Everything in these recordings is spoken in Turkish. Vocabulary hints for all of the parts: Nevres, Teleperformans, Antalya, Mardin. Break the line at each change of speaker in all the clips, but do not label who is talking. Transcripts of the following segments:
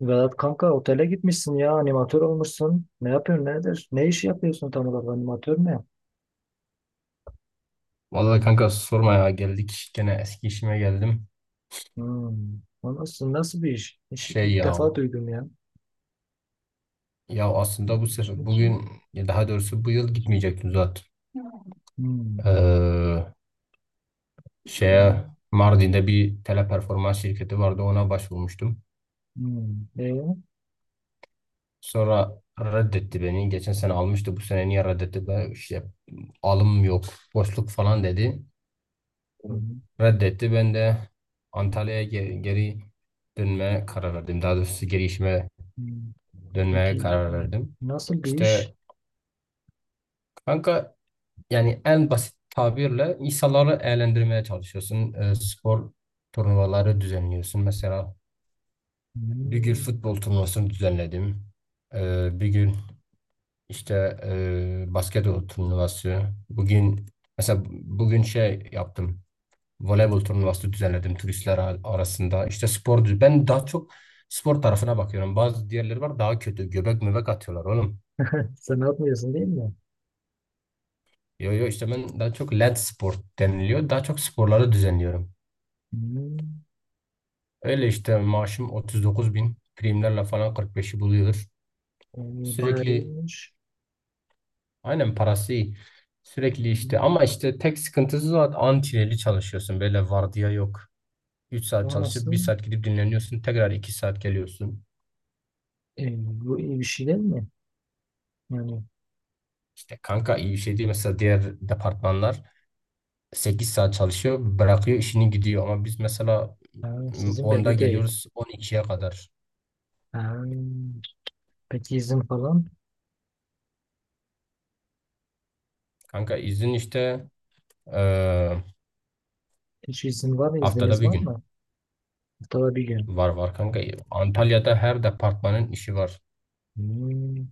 Vedat kanka, otele gitmişsin ya, animatör olmuşsun. Ne yapıyorsun, nedir? Ne iş yapıyorsun tam olarak, animatör ne?
Vallahi kanka sorma ya, geldik gene, eski işime geldim.
Hmm. O nasıl bir iş?
Şey
İlk
ya
defa duydum ya.
aslında bu sefer bugün, ya daha doğrusu bu yıl gitmeyecektim zaten.
Hmm.
Ee,
Hmm.
şeye Mardin'de bir teleperformans şirketi vardı, ona başvurmuştum.
Hmm. E?
Sonra reddetti beni. Geçen sene almıştı, bu sene niye reddetti? Ben işte, alım yok, boşluk falan dedi.
Hmm.
Reddetti, ben de Antalya'ya geri dönmeye karar verdim. Daha doğrusu geri işime
Hmm.
dönmeye
Peki,
karar
hmm.
verdim.
nasıl bir
İşte
iş?
kanka, yani en basit tabirle insanları eğlendirmeye çalışıyorsun. Spor turnuvaları düzenliyorsun. Mesela bir gün
Hmm.
futbol turnuvasını düzenledim. Bir gün işte basketbol turnuvası. Bugün mesela bugün şey yaptım. Voleybol turnuvası düzenledim turistler arasında. İşte ben daha çok spor tarafına bakıyorum. Bazı diğerleri var daha kötü. Göbek möbek atıyorlar oğlum.
Sen yapmıyorsun, değil mi?
Yo yo, işte ben daha çok, led spor deniliyor, daha çok sporları düzenliyorum.
Hmm.
Öyle işte, maaşım 39 bin. Primlerle falan 45'i buluyor.
E, bayağı
Sürekli
iyiymiş.
aynen parası iyi. Sürekli işte,
Hmm.
ama işte tek sıkıntısı o antineli çalışıyorsun. Böyle vardiya yok. Üç saat
O
çalışıp bir
nasıl?
saat gidip dinleniyorsun. Tekrar 2 saat geliyorsun.
E, bu iyi bir şey değil mi? Yani,
İşte kanka, iyi bir şey değil. Mesela diğer departmanlar 8 saat çalışıyor. Bırakıyor işini, gidiyor. Ama biz mesela,
ha, sizin
10'da
belli değil.
geliyoruz on ikiye kadar.
Ha, peki izin falan?
Kanka izin işte, eee,
Hiç izin var mı?
haftada
İzniniz
bir
var
gün.
mı? Haftada bir gün.
Var var kanka. Antalya'da her departmanın işi var.
Hmm.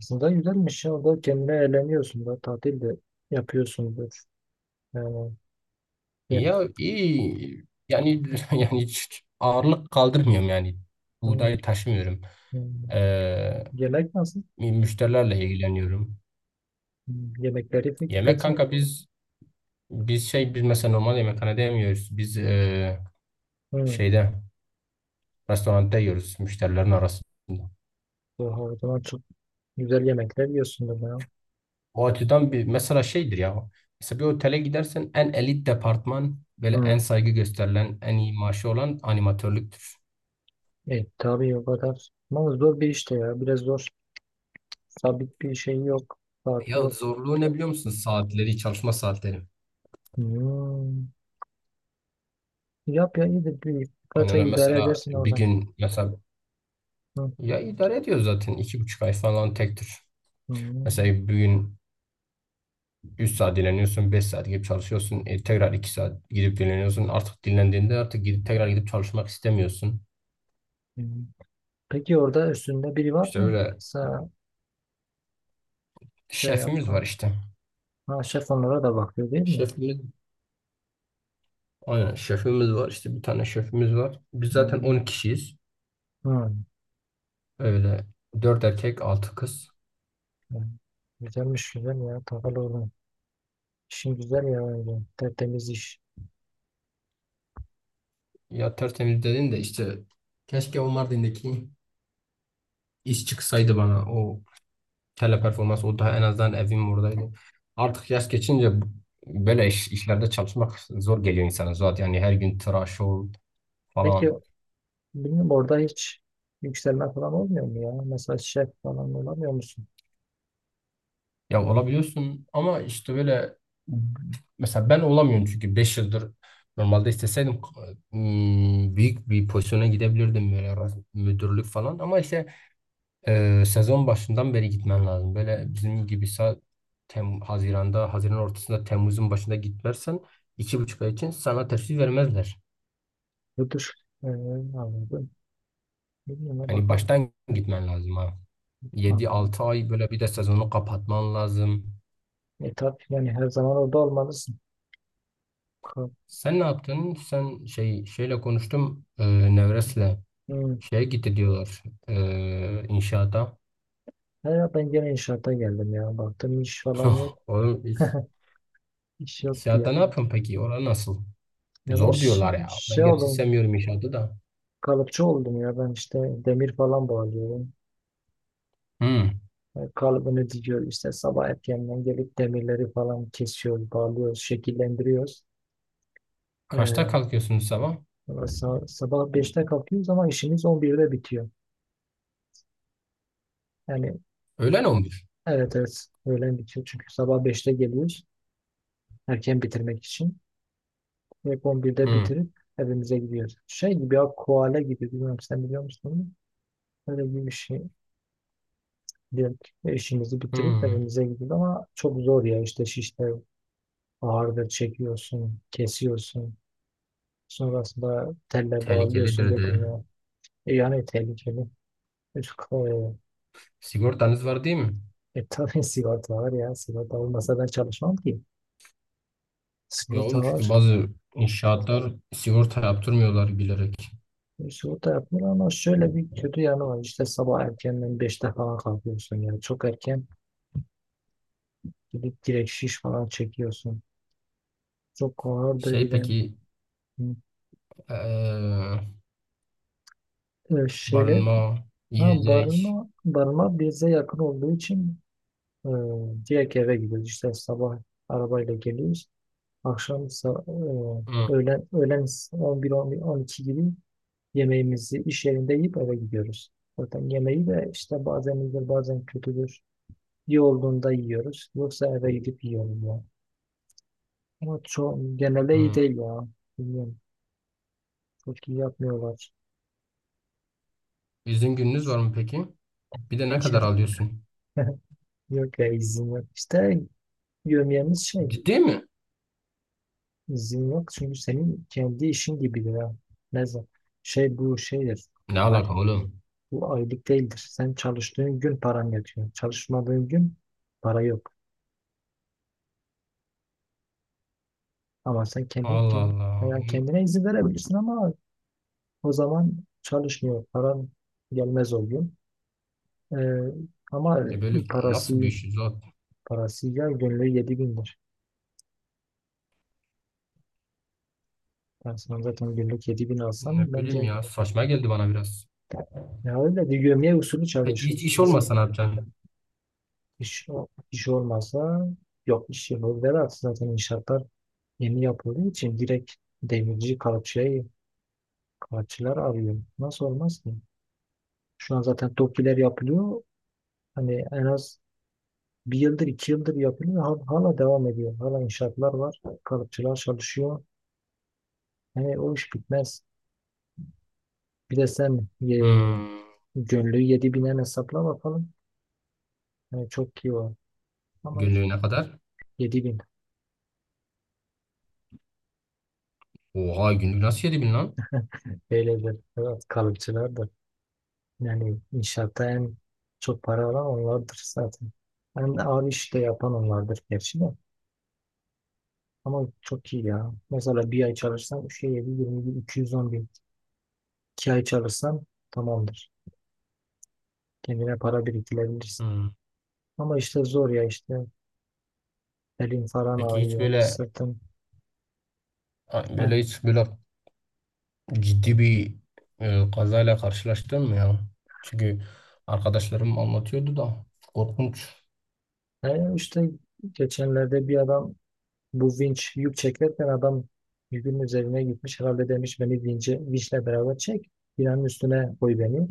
Aslında güzelmiş ya. Orada kendine eğleniyorsun da. Tatil de yapıyorsundur. Yani, ye-
Ya iyi yani yani hiç ağırlık kaldırmıyorum yani.
hmm,
Buğday taşımıyorum.
hmm.
Ee,
Yemek nasıl?
Müşterilerle ilgileniyorum.
Yemekleri pe-
Yemek
peki?
kanka, biz mesela normal yemekhanede yemiyoruz. Biz
Hmm.
şeyde restoranda yiyoruz müşterilerin arasında.
Oha, o zaman çok güzel yemekler yiyorsundur ya.
O açıdan bir, mesela şeydir ya. Mesela bir otele gidersen en elit departman, böyle en
Hmm.
saygı gösterilen, en iyi maaşı olan animatörlüktür.
E, tabii o kadar. Ama zor bir işte ya. Biraz zor. Sabit bir şey yok. Saati
Ya
yok.
zorluğu ne biliyor musun? Saatleri, çalışma saatleri.
Hmm. Yap ya, iyidir. Bir,
Hani
birkaç
öyle
ay idare
mesela
edersin
bir
oradan.
gün mesela,
Hmm.
ya idare ediyor zaten iki buçuk ay falan tek tür. Mesela
Hmm.
bir gün 3 saat dinleniyorsun, 5 saat gidip çalışıyorsun. Tekrar 2 saat gidip dinleniyorsun. Artık dinlendiğinde artık gidip tekrar gidip çalışmak istemiyorsun.
Hmm. Peki, orada üstünde biri var
İşte
mı?
öyle,
Sağ, şey
şefimiz
yapan.
var işte.
Ha, şef onlara da bakıyor, değil mi?
Şefimiz, aynen, şefimiz var işte, bir tane şefimiz var. Biz zaten
Hmm.
10 kişiyiz.
Hmm.
Öyle, 4 erkek, 6 kız.
Hmm. Güzelmiş, güzel ya, takılı oğlum. İşin güzel ya öyle. Tertemiz iş.
Ya tertemiz dedin de, işte keşke o Mardin'deki iş çıksaydı bana, o teleperformans, o daha, en azından evim oradaydı. Artık yaş geçince böyle işlerde çalışmak zor geliyor insana zaten. Yani her gün tıraş ol
Peki,
falan.
bilmiyorum, orada hiç yükselme falan olmuyor mu ya? Mesela şef falan olamıyor musun?
Ya olabiliyorsun ama işte böyle, mesela ben olamıyorum çünkü 5 yıldır, normalde isteseydim, büyük bir pozisyona gidebilirdim, böyle müdürlük falan, ama işte sezon başından beri gitmen lazım. Böyle bizim gibi sa- Tem Haziran'da, Haziran ortasında, Temmuz'un başında gitmezsen iki buçuk ay için sana teşvik vermezler.
Müdür. Anladım. Bilmiyorum ya,
Yani
bakalım.
baştan gitmen lazım ha. Yedi
Anladım.
altı ay böyle, bir de sezonu kapatman lazım.
E, tabii, yani her zaman orada olmalısın. Bakalım.
Sen ne yaptın? Sen şey şeyle konuştum. Nevres'le
Hmm.
şeye gitti diyorlar. İnşaata.
Ya ben gene inşaata geldim ya. Baktım iş falan yok.
Oğlum,
İş yoktu ya.
inşaatta ne yapıyorsun peki? Orası nasıl?
Ya ben
Zor diyorlar ya.
şey
Ben gerçi
oldum,
sevmiyorum inşaatı da.
kalıpçı oldum ya, ben işte demir falan bağlıyorum.
Hmm.
E, kalıbını dikiyor işte, sabah erkenden gelip demirleri falan kesiyoruz, bağlıyoruz, şekillendiriyoruz.
Kaçta
E,
kalkıyorsunuz sabah?
valla sabah 5'te kalkıyoruz ama işimiz 11'de bitiyor. Yani
Öğlen 11.
evet, evet, öğlen bitiyor, çünkü sabah 5'te geliyoruz erken bitirmek için. Ve 11'de
Hı.
bitirip evimize gidiyoruz. Şey gibi ya, koala gibi, bilmiyorum, sen biliyor musun onu? Öyle gibi bir şey. Diyelim ki işimizi
Hı.
bitirip evimize gidiyoruz ama çok zor ya, işte şişte ağırdır, çekiyorsun, kesiyorsun. Sonrasında telle bağlıyorsun
Tehlikelidir de.
birbirine. E yani, tehlikeli. Üf. E,
Sigortanız var değil mi?
e tabii sigorta var ya. Sigorta olmasa ben çalışmam ki.
Ya oğlum,
Sigorta
çünkü
var.
bazı inşaatlar sigorta yaptırmıyorlar bilerek.
E, sigorta yapmıyor ama şöyle bir kötü yanı var. İşte sabah erkenden 5'te falan kalkıyorsun yani. Çok erken gidip direkt şiş falan çekiyorsun. Çok ağırdır bir
Şey
de.
peki,
Hı.
eee,
E, şeyler.
barınma,
Ha,
yiyecek.
barınma, barınma bize yakın olduğu için e, direkt eve gidiyoruz. İşte sabah arabayla geliyoruz. Akşam
Hı.
öğlen 11, 11, 12 gibi yemeğimizi iş yerinde yiyip eve gidiyoruz. Zaten yemeği de işte bazen iyidir, bazen kötüdür. İyi olduğunda yiyoruz. Yoksa eve gidip yiyoruz ya. Ama genelde iyi
Hı.
değil ya. Bilmiyorum. Çok iyi yapmıyorlar.
İzin gününüz var mı peki? Bir de ne kadar alıyorsun?
Yok ya, izin yok. İşte yömyemiz şey.
Ciddi mi?
İzin yok çünkü senin kendi işin gibidir ya. Ne zaman? Şey, bu şeydir.
Ne
Ay-
alaka oğlum?
Bu aylık değildir. Sen çalıştığın gün paran yatıyor. Çalışmadığın gün para yok. Ama sen kendin,
Allah
kendin
Allah.
yani kendine izin verebilirsin ama o zaman çalışmıyor. Paran gelmez o gün. Ee, ama
E böyle nasıl bir
parası
iş zaten?
parası ya, günlüğü 7 bindir. Ben sana zaten günlük 7 bin
Ne
alsam,
bileyim
bence
ya, saçma geldi bana biraz.
ya öyle bir gömleği usulü
Peki hiç
çalışırız.
iş olmasa ne yapacaksın?
İş, iş olmazsa yok, iş yapılır demez. Zaten inşaatlar yeni yapıldığı için direkt demirci, kalıpçıya kalıpçılar arıyor. Nasıl olmaz ki? Şu an zaten TOKİ'ler yapılıyor. Hani en az bir yıldır, 2 yıldır yapılıyor. Hala devam ediyor. Hala inşaatlar var. Kalıpçılar çalışıyor. Hani o iş bitmez. Bir de sen,
Hmm.
gönlü 7 binen hesapla bakalım. Yani çok iyi var. Ama işte
Günlüğüne kadar.
7 bin.
Oha, günlük nasıl 7000 lan?
Böyledir. Evet, kalıpçılar da. Yani inşaatta en çok para alan onlardır zaten. En ağır iş de yapan onlardır gerçi de. Ama çok iyi ya. Mesela bir ay çalışsan 3'e 20 bin, 210 bin. 2 ay çalışsan tamamdır. Kendine para biriktirebilirsin.
Hmm.
Ama işte zor ya işte. Elin falan
Peki hiç
ağrıyor,
böyle
sırtın. He.
böyle hiç böyle ciddi bir, kazayla karşılaştın mı ya? Çünkü arkadaşlarım anlatıyordu da, korkunç.
E, işte geçenlerde bir adam, bu vinç yük çekerken, adam yükün üzerine gitmiş. Herhalde demiş, beni vince, vinçle beraber çek, binanın üstüne koy beni.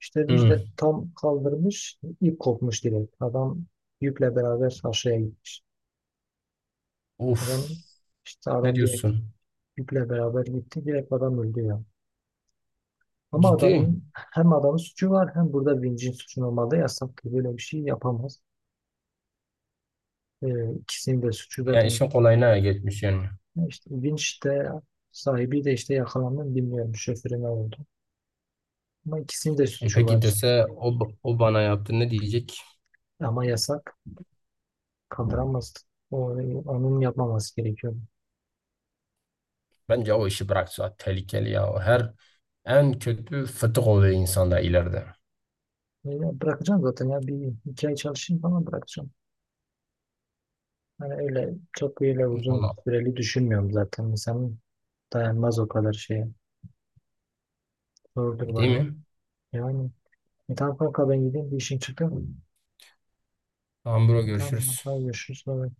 İşte
Hmm.
Müjde tam kaldırmış, ip kopmuş direkt. Adam yükle beraber aşağıya gitmiş.
Uf.
Adam işte,
Ne
adam direkt
diyorsun?
yükle beraber gitti. Direkt adam öldü ya. Ama
Ciddi.
adamın, hem adamın suçu var, hem burada vincin suçu olmadı. Yasak ki böyle bir şey yapamaz. İkisinin de suçu
Yani
zaten.
işin kolayına geçmiş yani.
İşte vinç de, sahibi de işte yakalandı, bilmiyorum şoförü ne oldu. Ama ikisinin de
E
suçu
peki
var.
dese, o, o bana yaptı ne diyecek?
Ama yasak, kaldıramazdı. O, onun yapmaması gerekiyordu.
Bence o işi bıraksa, tehlikeli ya. O her, en kötü fıtık oluyor insanda ileride.
Öyle bırakacağım zaten ya, bir iki ay çalışayım falan, bırakacağım. Hani öyle, çok öyle uzun
Valla
süreli düşünmüyorum zaten. İnsanın dayanmaz o kadar şeye. Zordur
değil
bana.
mi?
Yani tamam kanka, ben gideyim, bir işim çıktı.
Tamam bro,
Tamam
görüşürüz.
kanka, görüşürüz. Bye bye.